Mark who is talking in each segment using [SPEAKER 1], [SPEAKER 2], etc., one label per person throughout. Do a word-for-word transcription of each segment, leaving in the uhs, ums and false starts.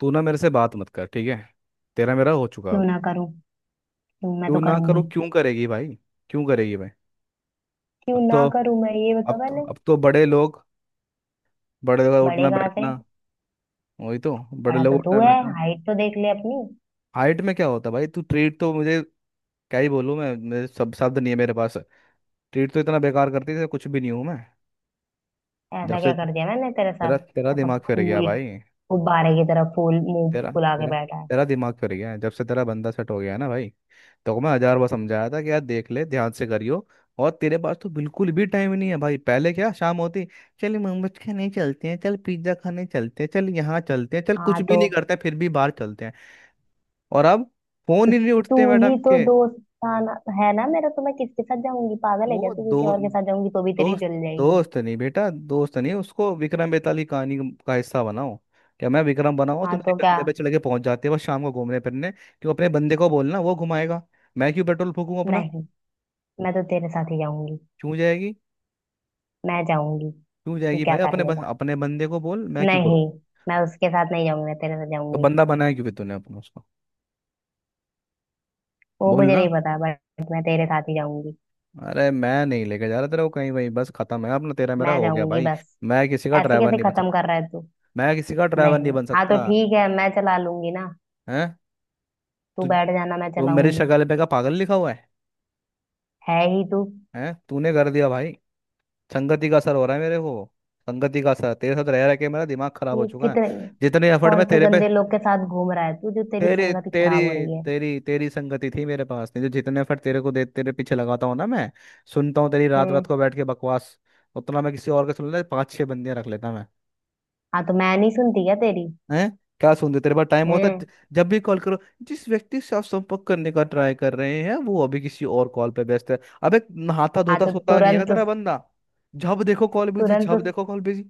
[SPEAKER 1] तू ना मेरे से बात मत कर, ठीक है। तेरा मेरा हो चुका
[SPEAKER 2] क्यों
[SPEAKER 1] अब।
[SPEAKER 2] ना करूं? क्यों, मैं
[SPEAKER 1] क्यों
[SPEAKER 2] तो
[SPEAKER 1] ना करो,
[SPEAKER 2] करूंगी।
[SPEAKER 1] क्यों करेगी भाई? क्यों करेगी भाई?
[SPEAKER 2] क्यों
[SPEAKER 1] अब तो
[SPEAKER 2] ना करूं, मैं ये बता
[SPEAKER 1] अब तो
[SPEAKER 2] पहले।
[SPEAKER 1] अब तो बड़े लोग, बड़े लोग का
[SPEAKER 2] बड़े
[SPEAKER 1] उठना
[SPEAKER 2] कहाँ से?
[SPEAKER 1] बैठना। वही तो, बड़े
[SPEAKER 2] बड़ा
[SPEAKER 1] लोग
[SPEAKER 2] तो तू
[SPEAKER 1] उठना
[SPEAKER 2] है,
[SPEAKER 1] बैठना।
[SPEAKER 2] हाइट तो देख ले अपनी।
[SPEAKER 1] हाइट में क्या होता भाई, तू ट्रीट तो मुझे क्या ही बोलूँ मैं, मेरे सब शब्द नहीं है मेरे पास। ट्रीट तो इतना बेकार करती थी, कुछ भी नहीं हूँ मैं। जब
[SPEAKER 2] ऐसा
[SPEAKER 1] से
[SPEAKER 2] क्या कर दिया मैंने तेरे
[SPEAKER 1] तेरा
[SPEAKER 2] साथ?
[SPEAKER 1] तेरा
[SPEAKER 2] ऐसा
[SPEAKER 1] दिमाग फिर गया
[SPEAKER 2] फूल,
[SPEAKER 1] भाई।
[SPEAKER 2] गुब्बारे की तरह फूल, मुंह
[SPEAKER 1] तेरा
[SPEAKER 2] फुला के
[SPEAKER 1] तेरा
[SPEAKER 2] बैठा है।
[SPEAKER 1] तेरा दिमाग फिर गया है। जब से तेरा बंदा सेट हो गया है ना भाई, तो मैं हजार बार समझाया था कि यार देख ले, ध्यान से करियो। और तेरे पास तो बिल्कुल भी टाइम नहीं है भाई, पहले क्या शाम होती, चल मोमोज खाने चलते हैं, चल पिज्जा खाने चलते हैं, चल यहाँ चलते हैं, चल
[SPEAKER 2] हाँ,
[SPEAKER 1] कुछ भी
[SPEAKER 2] तो
[SPEAKER 1] नहीं करते फिर भी बाहर चलते हैं। और अब फोन
[SPEAKER 2] तो
[SPEAKER 1] ही नहीं
[SPEAKER 2] तू
[SPEAKER 1] उठते मैडम
[SPEAKER 2] ही तो
[SPEAKER 1] के।
[SPEAKER 2] दोस्त था ना? है ना मेरा? तो मैं किसके साथ जाऊंगी? पागल है क्या
[SPEAKER 1] वो
[SPEAKER 2] तू? किसी
[SPEAKER 1] दो,
[SPEAKER 2] और के साथ जाऊंगी तो भी तेरी
[SPEAKER 1] दोस्त,
[SPEAKER 2] जल जाएगी।
[SPEAKER 1] दोस्त नहीं बेटा, दोस्त नहीं, उसको विक्रम बेताल की कहानी का हिस्सा बनाओ। क्या मैं विक्रम बनाऊं?
[SPEAKER 2] हाँ
[SPEAKER 1] तुम मेरे
[SPEAKER 2] तो क्या?
[SPEAKER 1] कंधे पे चले के पहुंच जाते हो बस शाम को घूमने फिरने। क्यों, अपने बंदे को बोलना, वो घुमाएगा। मैं क्यों पेट्रोल फूकूं अपना?
[SPEAKER 2] नहीं, मैं तो तेरे साथ ही जाऊंगी।
[SPEAKER 1] क्यों जाएगी?
[SPEAKER 2] मैं जाऊंगी।
[SPEAKER 1] क्यों
[SPEAKER 2] तू
[SPEAKER 1] जाएगी
[SPEAKER 2] क्या
[SPEAKER 1] भाई?
[SPEAKER 2] कर
[SPEAKER 1] अपने बस
[SPEAKER 2] लेगा?
[SPEAKER 1] अपने बंदे को बोल, मैं क्यों करूँ?
[SPEAKER 2] नहीं, मैं उसके साथ नहीं जाऊंगी, मैं तेरे साथ
[SPEAKER 1] तो
[SPEAKER 2] जाऊंगी।
[SPEAKER 1] बंदा बनाया क्यों फिर तूने अपना उसको?
[SPEAKER 2] वो
[SPEAKER 1] बोल
[SPEAKER 2] मुझे नहीं
[SPEAKER 1] ना।
[SPEAKER 2] पता, बट मैं तेरे साथ ही जाऊंगी।
[SPEAKER 1] अरे मैं नहीं लेके जा रहा तेरा को कहीं, वहीं बस खत्म है अपना, तेरा मेरा
[SPEAKER 2] मैं
[SPEAKER 1] हो गया
[SPEAKER 2] जाऊंगी
[SPEAKER 1] भाई।
[SPEAKER 2] बस।
[SPEAKER 1] मैं किसी का
[SPEAKER 2] ऐसे
[SPEAKER 1] ड्राइवर
[SPEAKER 2] कैसे
[SPEAKER 1] नहीं बन
[SPEAKER 2] खत्म
[SPEAKER 1] सकता।
[SPEAKER 2] कर रहा है तू?
[SPEAKER 1] मैं किसी का ड्राइवर नहीं
[SPEAKER 2] नहीं,
[SPEAKER 1] बन
[SPEAKER 2] हाँ तो
[SPEAKER 1] सकता।
[SPEAKER 2] ठीक है, मैं चला लूंगी ना।
[SPEAKER 1] है।
[SPEAKER 2] तू
[SPEAKER 1] तू,
[SPEAKER 2] बैठ जाना, मैं
[SPEAKER 1] तो मेरे
[SPEAKER 2] चलाऊंगी।
[SPEAKER 1] शक्ल पे का पागल लिखा हुआ है?
[SPEAKER 2] है ही तू।
[SPEAKER 1] हैं, तूने कर दिया भाई। संगति का असर हो रहा है मेरे को। संगति का असर, तेरे साथ रह रह के मेरा दिमाग खराब हो
[SPEAKER 2] ये
[SPEAKER 1] चुका है।
[SPEAKER 2] कितने?
[SPEAKER 1] जितने एफर्ट
[SPEAKER 2] कौन
[SPEAKER 1] मैं
[SPEAKER 2] से
[SPEAKER 1] तेरे पे,
[SPEAKER 2] गंदे लोग के साथ घूम रहा है तू, जो तेरी
[SPEAKER 1] तेरी
[SPEAKER 2] संगत ही
[SPEAKER 1] तेरी
[SPEAKER 2] खराब हो रही है?
[SPEAKER 1] तेरी तेरी संगति थी मेरे पास, नहीं तो जितने फट तेरे को दे तेरे पीछे लगाता हूँ ना मैं, सुनता हूँ तेरी रात रात
[SPEAKER 2] हैं?
[SPEAKER 1] को बैठ के बकवास, उतना मैं किसी और का सुन ले पांच छह बंदियां रख लेता मैं।
[SPEAKER 2] हाँ तो मैं नहीं सुनती क्या तेरी?
[SPEAKER 1] हैं? क्या सुनते, तेरे पास टाइम होता
[SPEAKER 2] हैं?
[SPEAKER 1] ज- जब भी कॉल करो, जिस व्यक्ति से आप संपर्क करने का ट्राई कर रहे हैं वो अभी किसी और कॉल पे व्यस्त है। अबे नहाता
[SPEAKER 2] हाँ
[SPEAKER 1] धोता
[SPEAKER 2] तो
[SPEAKER 1] सोता नहीं है क्या
[SPEAKER 2] तुरंत
[SPEAKER 1] तेरा
[SPEAKER 2] उस-
[SPEAKER 1] बंदा? जब देखो कॉल बिजी,
[SPEAKER 2] तुरंत
[SPEAKER 1] जब
[SPEAKER 2] उस-
[SPEAKER 1] देखो कॉल बिजी।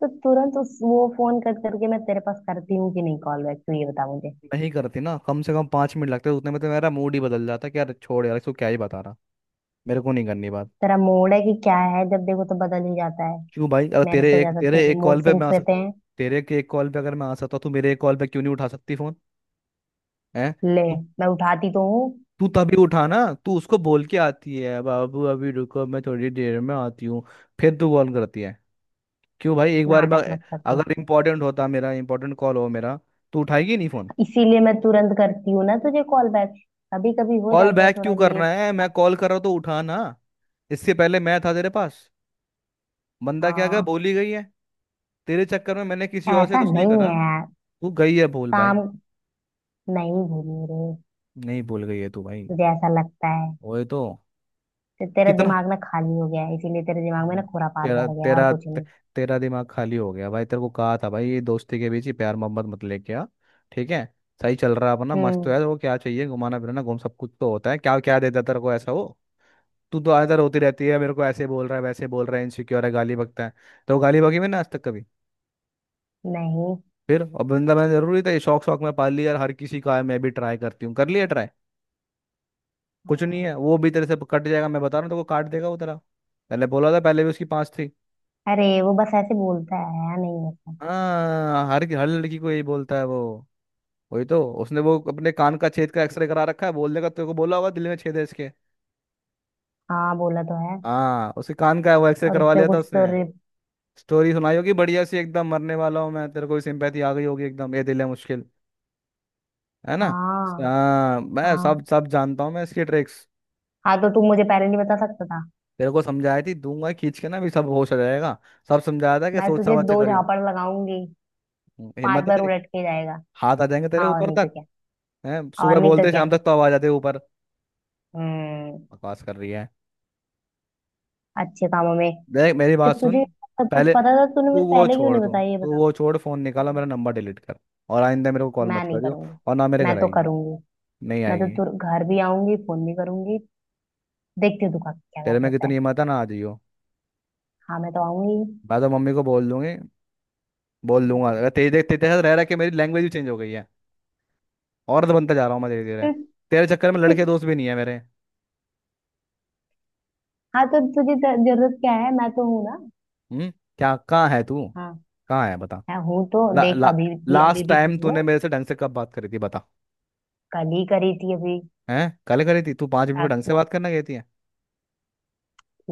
[SPEAKER 2] तो तुरंत उस वो फोन कट करके मैं तेरे पास करती हूँ कि नहीं कॉल बैक, तू ये बता मुझे।
[SPEAKER 1] नहीं करती ना, कम से कम पांच मिनट लगते, उतने में तो मेरा मूड ही बदल जाता कि यार छोड़ यार इसको, क्या ही बता रहा। मेरे को नहीं करनी बात।
[SPEAKER 2] तेरा मूड है कि क्या है? जब देखो तो बदल ही जाता है।
[SPEAKER 1] क्यों भाई, अगर
[SPEAKER 2] मेरे
[SPEAKER 1] तेरे
[SPEAKER 2] से
[SPEAKER 1] एक
[SPEAKER 2] ज्यादा
[SPEAKER 1] तेरे
[SPEAKER 2] तेरे
[SPEAKER 1] एक
[SPEAKER 2] मूड
[SPEAKER 1] कॉल पे मैं
[SPEAKER 2] सिंग्स
[SPEAKER 1] आ सक,
[SPEAKER 2] रहते हैं।
[SPEAKER 1] तेरे के एक कॉल पे अगर मैं आ सकता हूँ तो मेरे एक कॉल पे क्यों नहीं उठा सकती फोन? है।
[SPEAKER 2] ले।
[SPEAKER 1] तू
[SPEAKER 2] मैं उठाती तो हूँ।
[SPEAKER 1] तू तभी उठाना, तू उसको बोल के आती है बाबू अभी रुको मैं थोड़ी देर में आती हूँ, फिर तू कॉल करती है। क्यों भाई, एक बार मैं,
[SPEAKER 2] नाटक मत कर तू।
[SPEAKER 1] अगर इम्पोर्टेंट होता, मेरा इम्पोर्टेंट कॉल हो मेरा, तो उठाएगी नहीं फोन?
[SPEAKER 2] इसीलिए मैं तुरंत करती हूँ ना तुझे कॉल बैक। कभी कभी हो
[SPEAKER 1] कॉल
[SPEAKER 2] जाता है
[SPEAKER 1] बैक क्यों
[SPEAKER 2] थोड़ा
[SPEAKER 1] करना
[SPEAKER 2] लेट।
[SPEAKER 1] है, मैं कॉल कर रहा हूँ तो उठाना। इससे पहले मैं था तेरे पास, बंदा क्या गया,
[SPEAKER 2] हाँ।
[SPEAKER 1] बोली गई है। तेरे चक्कर में मैंने किसी और से
[SPEAKER 2] ऐसा
[SPEAKER 1] कुछ नहीं
[SPEAKER 2] नहीं है
[SPEAKER 1] करा,
[SPEAKER 2] यार।
[SPEAKER 1] तू गई है भूल भाई,
[SPEAKER 2] काम। नहीं भूली रे।
[SPEAKER 1] नहीं भूल गई है तू भाई।
[SPEAKER 2] मुझे ऐसा लगता है।
[SPEAKER 1] वही तो।
[SPEAKER 2] तो तेरा
[SPEAKER 1] कितना,
[SPEAKER 2] दिमाग ना खाली हो गया है, इसीलिए तेरे दिमाग में ना खुरापात
[SPEAKER 1] तेरा
[SPEAKER 2] भर गया है, और
[SPEAKER 1] तेरा
[SPEAKER 2] कुछ
[SPEAKER 1] ते,
[SPEAKER 2] नहीं।
[SPEAKER 1] तेरा दिमाग खाली हो गया भाई। तेरे को कहा था भाई ये दोस्ती के बीच ही प्यार मोहब्बत मत लेके आ, ठीक है, सही चल रहा है अपना, मस्त
[SPEAKER 2] हम्म।
[SPEAKER 1] है। वो क्या चाहिए, घुमाना फिराना, घूम सब कुछ तो होता है, क्या क्या देता तेरे को ऐसा वो? तू तो आदर होती रहती है, मेरे को ऐसे बोल रहा है वैसे बोल रहा है इनसिक्योर है गाली बकता है। तो वो गाली बकी मैंने आज तक कभी?
[SPEAKER 2] नहीं।
[SPEAKER 1] फिर अब बंदा मैंने जरूरी था ये, शौक शौक में पाल लिया, और हर किसी का है, मैं भी ट्राई करती हूँ, कर लिया ट्राई। कुछ नहीं
[SPEAKER 2] हाँ।
[SPEAKER 1] है, वो भी तेरे से कट जाएगा, मैं बता रहा हूँ तेरे को, काट देगा वो तेरा। पहले बोला था, पहले भी उसकी पांच थी।
[SPEAKER 2] अरे, वो बस ऐसे बोलता है, नहीं ऐसा।
[SPEAKER 1] हाँ, हर हर लड़की को यही बोलता है वो। वही तो, उसने वो अपने कान का छेद का एक्सरे करा रखा है, बोलने का तेरे को बोला होगा दिल में छेद है इसके।
[SPEAKER 2] हाँ, बोला तो है।
[SPEAKER 1] हाँ, उसके कान का वो एक्सरे
[SPEAKER 2] और
[SPEAKER 1] करवा
[SPEAKER 2] उसने
[SPEAKER 1] लिया था
[SPEAKER 2] कुछ तो
[SPEAKER 1] उसने।
[SPEAKER 2] रे-।
[SPEAKER 1] स्टोरी सुनाई होगी बढ़िया सी एकदम, मरने वाला हूँ मैं, तेरे को भी सिंपैथी आ गई होगी एकदम, ये दिल है मुश्किल, है ना?
[SPEAKER 2] हाँ।
[SPEAKER 1] हाँ, मैं
[SPEAKER 2] हाँ।
[SPEAKER 1] सब सब जानता हूँ मैं इसकी ट्रिक्स।
[SPEAKER 2] हाँ तो तू मुझे पहले नहीं बता सकता था?
[SPEAKER 1] तेरे को समझाई थी, दूंगा खींच के ना भी सब होश आ जाएगा, सब समझाया था कि
[SPEAKER 2] मैं
[SPEAKER 1] सोच
[SPEAKER 2] तुझे
[SPEAKER 1] समझ के
[SPEAKER 2] दो
[SPEAKER 1] करी।
[SPEAKER 2] झापड़ लगाऊंगी। पांच
[SPEAKER 1] हिम्मत है
[SPEAKER 2] बार
[SPEAKER 1] तेरी?
[SPEAKER 2] उलट के जाएगा।
[SPEAKER 1] हाथ आ जाएंगे तेरे
[SPEAKER 2] हाँ, और
[SPEAKER 1] ऊपर
[SPEAKER 2] नहीं तो
[SPEAKER 1] तक।
[SPEAKER 2] क्या।
[SPEAKER 1] है।
[SPEAKER 2] और
[SPEAKER 1] सुबह
[SPEAKER 2] नहीं तो
[SPEAKER 1] बोलते
[SPEAKER 2] क्या।
[SPEAKER 1] शाम तक तो आवाज आती है ऊपर।
[SPEAKER 2] हम्म।
[SPEAKER 1] बकवास कर रही है।
[SPEAKER 2] अच्छे कामों में।
[SPEAKER 1] देख, मेरी बात
[SPEAKER 2] जब
[SPEAKER 1] सुन।
[SPEAKER 2] तुझे सब कुछ
[SPEAKER 1] पहले
[SPEAKER 2] पता था तूने मुझे
[SPEAKER 1] तू वो
[SPEAKER 2] पहले क्यों
[SPEAKER 1] छोड़
[SPEAKER 2] नहीं
[SPEAKER 1] दो
[SPEAKER 2] बताया, ये
[SPEAKER 1] तू
[SPEAKER 2] बता।
[SPEAKER 1] वो छोड़, फोन निकाला,
[SPEAKER 2] हम्म।
[SPEAKER 1] मेरा नंबर डिलीट कर, और आइंदा मेरे को कॉल
[SPEAKER 2] मैं
[SPEAKER 1] मत
[SPEAKER 2] नहीं
[SPEAKER 1] करियो,
[SPEAKER 2] करूंगी।
[SPEAKER 1] और ना मेरे
[SPEAKER 2] मैं
[SPEAKER 1] घर
[SPEAKER 2] तो
[SPEAKER 1] आएगी,
[SPEAKER 2] करूंगी।
[SPEAKER 1] नहीं
[SPEAKER 2] मैं तो
[SPEAKER 1] आएगी।
[SPEAKER 2] तुर घर भी आऊंगी, फोन भी करूंगी। देखती हूँ तू का- क्या
[SPEAKER 1] तेरे
[SPEAKER 2] कर
[SPEAKER 1] में
[SPEAKER 2] लेता है।
[SPEAKER 1] कितनी हिम्मत है? ना आ जाइयो।
[SPEAKER 2] हाँ, मैं तो आऊंगी।
[SPEAKER 1] मैं तो मम्मी को बोल दूंगी, बोल दूंगा।
[SPEAKER 2] हम्म।
[SPEAKER 1] अगर तेरे, देख तेरे साथ रह रहा कि मेरी लैंग्वेज भी चेंज हो गई है, औरत बनता जा रहा हूँ मैं धीरे धीरे। तेरे चक्कर में लड़के दोस्त भी नहीं है मेरे।
[SPEAKER 2] हाँ तो तुझे ज- जरूरत क्या है? मैं तो हूँ ना।
[SPEAKER 1] हम्म। क्या कहाँ है तू?
[SPEAKER 2] हाँ।
[SPEAKER 1] कहाँ है बता।
[SPEAKER 2] मैं हूँ, तो
[SPEAKER 1] ला,
[SPEAKER 2] देख,
[SPEAKER 1] ला,
[SPEAKER 2] अभी भी अभी
[SPEAKER 1] लास्ट
[SPEAKER 2] भी तो
[SPEAKER 1] टाइम
[SPEAKER 2] हूँ।
[SPEAKER 1] तूने मेरे से ढंग से कब बात करी थी बता?
[SPEAKER 2] कल ही करी थी अभी।
[SPEAKER 1] हैं, कल करी थी? तू पाँच मिनट को
[SPEAKER 2] रात
[SPEAKER 1] ढंग से बात
[SPEAKER 2] को।
[SPEAKER 1] करना कहती है?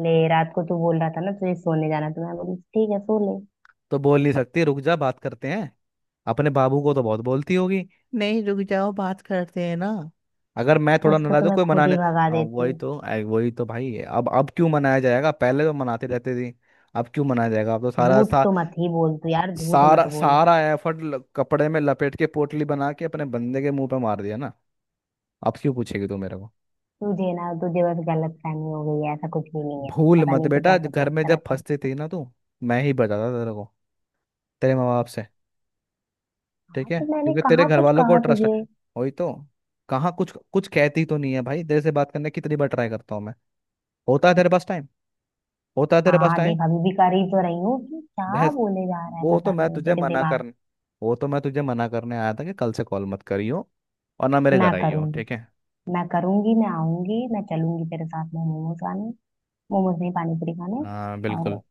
[SPEAKER 2] ले, रात को तू बोल रहा था ना तुझे सोने जाना, तो मैं बोली ठीक है, सो ले।
[SPEAKER 1] तो बोल नहीं सकती रुक जा बात करते हैं? अपने बाबू को तो बहुत बोलती होगी, नहीं रुक जाओ बात करते हैं ना, अगर मैं थोड़ा
[SPEAKER 2] उसको
[SPEAKER 1] नाराज
[SPEAKER 2] तो
[SPEAKER 1] हूं
[SPEAKER 2] मैं
[SPEAKER 1] कोई
[SPEAKER 2] खुद ही
[SPEAKER 1] मनाने।
[SPEAKER 2] भगा
[SPEAKER 1] आ,
[SPEAKER 2] देती
[SPEAKER 1] वही
[SPEAKER 2] हूँ।
[SPEAKER 1] तो। आ, वही तो भाई है। अब अब क्यों मनाया जाएगा, पहले तो मनाते रहते थे। अब क्यों मनाया जाएगा? अब तो सारा
[SPEAKER 2] झूठ
[SPEAKER 1] सा,
[SPEAKER 2] तो मत ही बोल तू यार, झूठ
[SPEAKER 1] सारा
[SPEAKER 2] मत बोल।
[SPEAKER 1] सारा एफर्ट कपड़े में लपेट के पोटली बना के अपने बंदे के मुंह पे मार दिया ना। अब क्यों पूछेगी तू मेरे को?
[SPEAKER 2] तुझे ना तुझे बस गलत फहमी हो गई है, ऐसा कुछ भी नहीं है।
[SPEAKER 1] भूल
[SPEAKER 2] पता
[SPEAKER 1] मत
[SPEAKER 2] नहीं तू
[SPEAKER 1] बेटा,
[SPEAKER 2] क्या क्या
[SPEAKER 1] घर में
[SPEAKER 2] सोचता
[SPEAKER 1] जब
[SPEAKER 2] रहता है।
[SPEAKER 1] फंसते थे ना तू, मैं ही बताता था तेरे को, तेरे माँ बाप से। ठीक
[SPEAKER 2] हाँ
[SPEAKER 1] है,
[SPEAKER 2] तो मैंने
[SPEAKER 1] क्योंकि तेरे
[SPEAKER 2] कहाँ
[SPEAKER 1] घर
[SPEAKER 2] कुछ
[SPEAKER 1] वालों को
[SPEAKER 2] कहा
[SPEAKER 1] ट्रस्ट है।
[SPEAKER 2] तुझे?
[SPEAKER 1] वही तो, कहाँ कुछ कुछ कहती तो नहीं है भाई। तेरे से बात करने की कितनी बार ट्राई करता हूँ मैं, होता है तेरे पास टाइम? होता है तेरे पास
[SPEAKER 2] हाँ
[SPEAKER 1] टाइम?
[SPEAKER 2] देख, अभी भी कर ही तो रही हूँ, कि क्या
[SPEAKER 1] बहस।
[SPEAKER 2] बोले जा रहा है
[SPEAKER 1] वो तो
[SPEAKER 2] पता
[SPEAKER 1] मैं
[SPEAKER 2] नहीं
[SPEAKER 1] तुझे
[SPEAKER 2] तेरे
[SPEAKER 1] मना
[SPEAKER 2] दिमाग।
[SPEAKER 1] करने वो तो मैं तुझे मना करने आया था कि कल से कॉल मत करियो और ना मेरे
[SPEAKER 2] मैं
[SPEAKER 1] घर आइयो,
[SPEAKER 2] करूंगी,
[SPEAKER 1] ठीक है।
[SPEAKER 2] मैं करूंगी, मैं आऊंगी, मैं चलूंगी तेरे साथ में मोमोज खाने। मोमोज नहीं, पानी पूरी खाने।
[SPEAKER 1] हाँ,
[SPEAKER 2] और
[SPEAKER 1] बिल्कुल।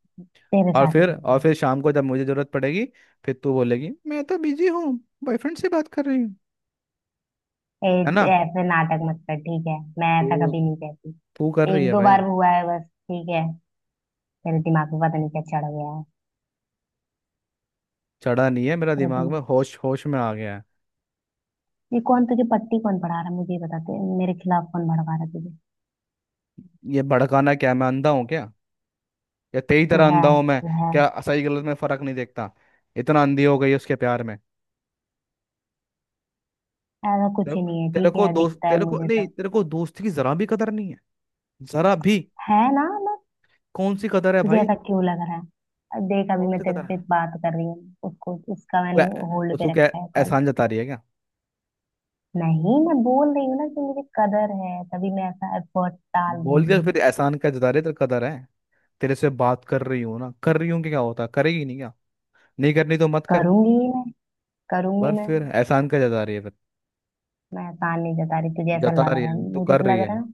[SPEAKER 2] तेरे
[SPEAKER 1] और
[SPEAKER 2] साथ ही
[SPEAKER 1] फिर, और
[SPEAKER 2] करूंगी।
[SPEAKER 1] फिर शाम को जब मुझे जरूरत पड़ेगी फिर तू बोलेगी मैं तो बिजी हूँ, बॉयफ्रेंड से बात कर रही हूँ, है ना?
[SPEAKER 2] ए- ऐसे नाटक मत कर, ठीक है? मैं ऐसा
[SPEAKER 1] तू
[SPEAKER 2] कभी नहीं कहती।
[SPEAKER 1] तू कर रही
[SPEAKER 2] एक
[SPEAKER 1] है
[SPEAKER 2] दो
[SPEAKER 1] भाई।
[SPEAKER 2] बार हुआ है बस, ठीक है। तेरे दिमाग में पता नहीं क्या चढ़ गया है।
[SPEAKER 1] चढ़ा नहीं है मेरा
[SPEAKER 2] तेरे
[SPEAKER 1] दिमाग में,
[SPEAKER 2] दिमाग।
[SPEAKER 1] होश होश में आ गया है।
[SPEAKER 2] ये कौन तुझे पट्टी, कौन पढ़ा रहा है मुझे, ये बता। तू मेरे खिलाफ कौन भड़का रहा है तुझे?
[SPEAKER 1] ये भड़काना क्या, मैं अंधा हूँ क्या? या तेरी
[SPEAKER 2] तू
[SPEAKER 1] तरह
[SPEAKER 2] है,
[SPEAKER 1] अंधा हूं मैं,
[SPEAKER 2] तू है।
[SPEAKER 1] क्या सही गलत में फर्क नहीं देखता? इतना अंधी हो गई उसके प्यार में।
[SPEAKER 2] ऐसा कुछ
[SPEAKER 1] तेरे
[SPEAKER 2] ही
[SPEAKER 1] को
[SPEAKER 2] नहीं है,
[SPEAKER 1] तेरे
[SPEAKER 2] ठीक
[SPEAKER 1] को
[SPEAKER 2] है?
[SPEAKER 1] दोस्त,
[SPEAKER 2] दिखता है
[SPEAKER 1] तेरे को
[SPEAKER 2] मुझे
[SPEAKER 1] नहीं,
[SPEAKER 2] सब।
[SPEAKER 1] तेरे को दोस्ती की जरा भी कदर नहीं है, जरा भी।
[SPEAKER 2] है ना, ना।
[SPEAKER 1] कौन सी कदर है
[SPEAKER 2] तुझे
[SPEAKER 1] भाई?
[SPEAKER 2] ऐसा क्यों लग रहा है? अब देख, अभी
[SPEAKER 1] कौन
[SPEAKER 2] मैं
[SPEAKER 1] सी
[SPEAKER 2] तेरे
[SPEAKER 1] कदर
[SPEAKER 2] से
[SPEAKER 1] है?
[SPEAKER 2] बात कर रही हूँ, उसको उसका
[SPEAKER 1] तू
[SPEAKER 2] मैंने
[SPEAKER 1] ऐ-
[SPEAKER 2] होल्ड
[SPEAKER 1] तू
[SPEAKER 2] पे
[SPEAKER 1] क्या
[SPEAKER 2] रखा है कॉल।
[SPEAKER 1] एहसान जता रही है क्या?
[SPEAKER 2] नहीं, मैं बोल रही हूँ ना कि मुझे कदर है, तभी मैं ऐसा एफर्ट डाल रही
[SPEAKER 1] बोल के
[SPEAKER 2] हूँ।
[SPEAKER 1] फिर एहसान क्या जता रही है, तेरे कदर है तेरे से बात कर रही हूँ ना, कर रही हूँ कि क्या होता है, करेगी नहीं क्या? नहीं करनी तो मत कर।
[SPEAKER 2] करूंगी ही मैं, करूंगी
[SPEAKER 1] पर
[SPEAKER 2] मैं।
[SPEAKER 1] फिर एहसान क्या जता रही है फिर?
[SPEAKER 2] मैं आसान नहीं जता रही, तुझे ऐसा
[SPEAKER 1] जता
[SPEAKER 2] लग
[SPEAKER 1] रही
[SPEAKER 2] रहा
[SPEAKER 1] है
[SPEAKER 2] है,
[SPEAKER 1] तू,
[SPEAKER 2] मुझे
[SPEAKER 1] कर
[SPEAKER 2] तो
[SPEAKER 1] रही
[SPEAKER 2] लग रहा
[SPEAKER 1] है।
[SPEAKER 2] है ना।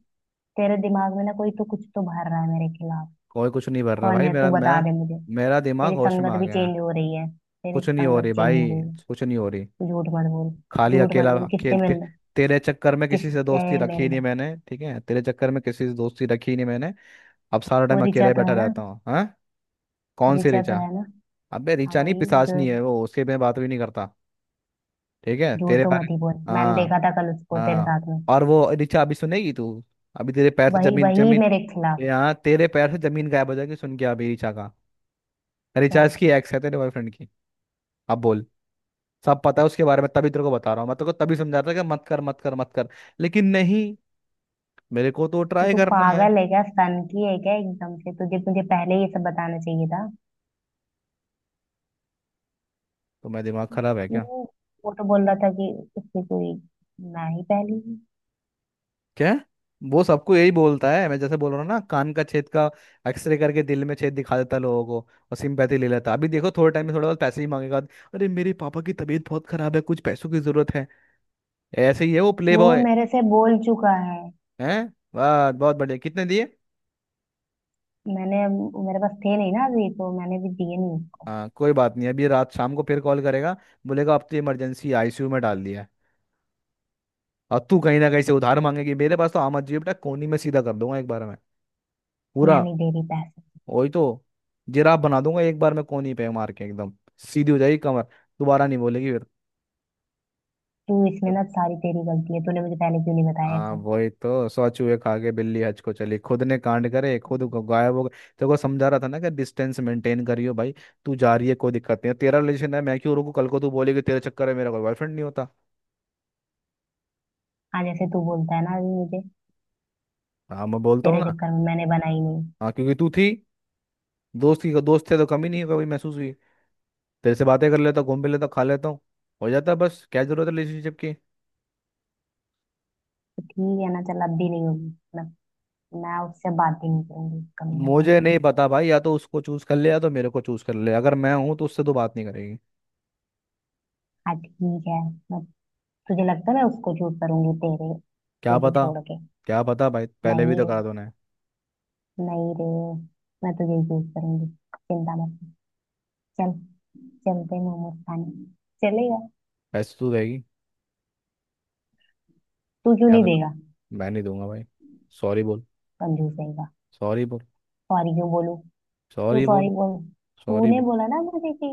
[SPEAKER 2] तेरे दिमाग में ना कोई तो कुछ तो भर रहा है मेरे खिलाफ।
[SPEAKER 1] कोई कुछ नहीं भर रहा
[SPEAKER 2] कौन
[SPEAKER 1] भाई,
[SPEAKER 2] है,
[SPEAKER 1] मेरा,
[SPEAKER 2] तू
[SPEAKER 1] मैं,
[SPEAKER 2] बता दे मुझे।
[SPEAKER 1] मेरा दिमाग
[SPEAKER 2] तेरी
[SPEAKER 1] होश में
[SPEAKER 2] संगत
[SPEAKER 1] आ
[SPEAKER 2] भी
[SPEAKER 1] गया है।
[SPEAKER 2] चेंज हो रही है, तेरी
[SPEAKER 1] कुछ नहीं हो
[SPEAKER 2] संगत
[SPEAKER 1] रही
[SPEAKER 2] चेंज हो
[SPEAKER 1] भाई,
[SPEAKER 2] गई है।
[SPEAKER 1] कुछ नहीं हो रही।
[SPEAKER 2] तू झूठ मत बोल।
[SPEAKER 1] खाली
[SPEAKER 2] झूठ मत
[SPEAKER 1] अकेला
[SPEAKER 2] बोल, किससे मिल
[SPEAKER 1] खेलते,
[SPEAKER 2] रहा?
[SPEAKER 1] तेरे चक्कर में किसी से
[SPEAKER 2] किससे
[SPEAKER 1] दोस्ती रखी
[SPEAKER 2] मिल
[SPEAKER 1] ही नहीं
[SPEAKER 2] रहा?
[SPEAKER 1] मैंने, ठीक है, तेरे चक्कर में किसी से दोस्ती रखी ही नहीं मैंने। अब सारा
[SPEAKER 2] वो
[SPEAKER 1] टाइम
[SPEAKER 2] ऋचा
[SPEAKER 1] अकेले
[SPEAKER 2] तो
[SPEAKER 1] बैठा
[SPEAKER 2] है ना।
[SPEAKER 1] रहता हूँ हाँ। कौन सी
[SPEAKER 2] ऋचा तो
[SPEAKER 1] ऋचा?
[SPEAKER 2] है ना।
[SPEAKER 1] अबे
[SPEAKER 2] हाँ,
[SPEAKER 1] ऋचा नहीं,
[SPEAKER 2] वही। जो।
[SPEAKER 1] पिशाचनी है वो, उसके मैं बात भी नहीं करता। ठीक है
[SPEAKER 2] झूठ
[SPEAKER 1] तेरे
[SPEAKER 2] तो
[SPEAKER 1] बारे।
[SPEAKER 2] मत ही बोल, मैंने
[SPEAKER 1] हाँ।
[SPEAKER 2] देखा था कल उसको तेरे
[SPEAKER 1] हाँ।
[SPEAKER 2] साथ में।
[SPEAKER 1] और वो ऋचा अभी सुनेगी तू। अभी तेरे पैर से
[SPEAKER 2] वही,
[SPEAKER 1] जमीन
[SPEAKER 2] वही
[SPEAKER 1] जमीन,
[SPEAKER 2] मेरे खिलाफ।
[SPEAKER 1] यहाँ तेरे पैर से जमीन गायब हो जाएगी, सुन के अभी ऋचा का। ऋचा
[SPEAKER 2] क्या?
[SPEAKER 1] इसकी एक्स है, तेरे बॉयफ्रेंड की। अब बोल। सब पता है उसके बारे में, तभी तेरे को बता रहा हूँ मैं, तेरे को तभी समझा रहा था कि मत कर, मत कर, मत कर, लेकिन नहीं, मेरे को तो
[SPEAKER 2] तो
[SPEAKER 1] ट्राई
[SPEAKER 2] तू
[SPEAKER 1] करना है।
[SPEAKER 2] पागल है क्या? सन की है क्या? एकदम से तुझे मुझे पहले ये सब बताना चाहिए था।
[SPEAKER 1] तो मैं दिमाग खराब है
[SPEAKER 2] वो
[SPEAKER 1] क्या?
[SPEAKER 2] वो तो बोल रहा था कि उसकी कोई ना ही पहली है।
[SPEAKER 1] क्या? वो सबको यही बोलता है, मैं जैसे बोल रहा हूँ ना, कान का छेद का एक्सरे करके दिल में छेद दिखा देता है लोगों को, और सिंपैथी ले लेता है। अभी देखो थोड़े टाइम में थोड़ा बहुत पैसे ही मांगेगा, अरे मेरे पापा की तबीयत बहुत खराब है, कुछ पैसों की जरूरत है। ऐसे ही है वो प्ले
[SPEAKER 2] वो
[SPEAKER 1] बॉय।
[SPEAKER 2] मेरे से बोल चुका है।
[SPEAKER 1] है। वाह, बहुत बढ़िया, कितने दिए?
[SPEAKER 2] मैंने। मेरे पास थे नहीं ना अभी, तो मैंने भी दिए नहीं उसको।
[SPEAKER 1] हाँ कोई बात नहीं, अभी रात शाम को फिर कॉल करेगा, बोलेगा अब तो इमरजेंसी आई सी यू में डाल दिया है। और तू कहीं ना कहीं से उधार मांगेगी। मेरे पास तो आम आदमी, बेटा कोनी में सीधा कर दूंगा एक बार में,
[SPEAKER 2] मैं
[SPEAKER 1] पूरा।
[SPEAKER 2] नहीं दे रही पैसे।
[SPEAKER 1] वही तो। जिराफ बना दूंगा एक बार में, कोनी पे मार के एकदम सीधी हो जाएगी कमर, दोबारा नहीं बोलेगी फिर।
[SPEAKER 2] तू इसमें ना, सारी तेरी गलती है, तूने मुझे पहले क्यों नहीं बताया ये
[SPEAKER 1] हाँ,
[SPEAKER 2] सब?
[SPEAKER 1] वही तो, सौ चूहे खा के बिल्ली हज को चली, खुद ने कांड करे खुद ग- गायब हो गए। तेरे को समझा रहा था ना कि डिस्टेंस मेंटेन करियो भाई, तू जा रही है कोई दिक्कत नहीं है, तेरा रिलेशन है, मैं क्यों रोकू, कल को तू बोलेगी तेरे चक्कर में मेरा कोई बॉयफ्रेंड नहीं होता।
[SPEAKER 2] हाँ, जैसे तू बोलता है ना अभी मुझे।
[SPEAKER 1] हाँ मैं बोलता हूँ
[SPEAKER 2] तेरे
[SPEAKER 1] ना,
[SPEAKER 2] चक्कर में मैंने बनाई नहीं।
[SPEAKER 1] हाँ क्योंकि तू थी, दोस्त की दोस्त थे तो कमी नहीं कभी महसूस हुई, तेरे से बातें कर लेता हूँ, घूम भी लेता हूँ, खा लेता हूँ, हो जाता है बस। क्या जरूरत है रिलेशनशिप की?
[SPEAKER 2] तो ठीक है ना, चल अब भी नहीं होगी, मैं। मैं उससे बात ही नहीं करूंगी, कभी ना
[SPEAKER 1] मुझे
[SPEAKER 2] कभी।
[SPEAKER 1] नहीं पता भाई, या तो उसको चूज कर ले या तो मेरे को चूज कर ले, अगर मैं हूं तो उससे तो बात नहीं करेगी।
[SPEAKER 2] हाँ, ठीक है। मैं। तुझे लगता है मैं उसको चूज करूंगी तेरे?
[SPEAKER 1] क्या
[SPEAKER 2] तुझे
[SPEAKER 1] पता।
[SPEAKER 2] छोड़ के?
[SPEAKER 1] क्या पता भाई, पहले भी
[SPEAKER 2] नहीं
[SPEAKER 1] तो
[SPEAKER 2] रे,
[SPEAKER 1] करा दो ना।
[SPEAKER 2] नहीं रे। मैं तुझे ही चूज करूंगी। चिंता मत कर। चल। चलते हैं मोमोज खाने। चलेगा?
[SPEAKER 1] पैसे तू देगी,
[SPEAKER 2] तू क्यों नहीं
[SPEAKER 1] याद रख,
[SPEAKER 2] देगा?
[SPEAKER 1] मैं नहीं दूंगा भाई। सॉरी बोल,
[SPEAKER 2] कंजूस रहेगा।
[SPEAKER 1] सॉरी बोल,
[SPEAKER 2] सॉरी क्यों बोलूं? तू
[SPEAKER 1] सॉरी
[SPEAKER 2] सॉरी
[SPEAKER 1] बोल,
[SPEAKER 2] बोल।
[SPEAKER 1] सॉरी
[SPEAKER 2] तूने
[SPEAKER 1] बोल।
[SPEAKER 2] बोला ना मुझे कि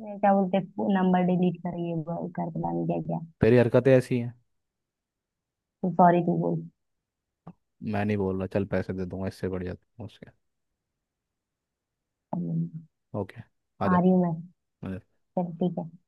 [SPEAKER 2] अ, क्या बोलते, नंबर डिलीट कर, ये वो कर, पता नहीं क्या क्या।
[SPEAKER 1] तेरी हरकतें ऐसी हैं।
[SPEAKER 2] तू सॉरी तू बोल।
[SPEAKER 1] मैं नहीं बोल रहा, चल पैसे दे दूंगा, इससे बढ़िया तो उसके।
[SPEAKER 2] अब नहीं।
[SPEAKER 1] ओके, आ
[SPEAKER 2] आ
[SPEAKER 1] जा।
[SPEAKER 2] रही हूँ मैं। चल, ठीक है।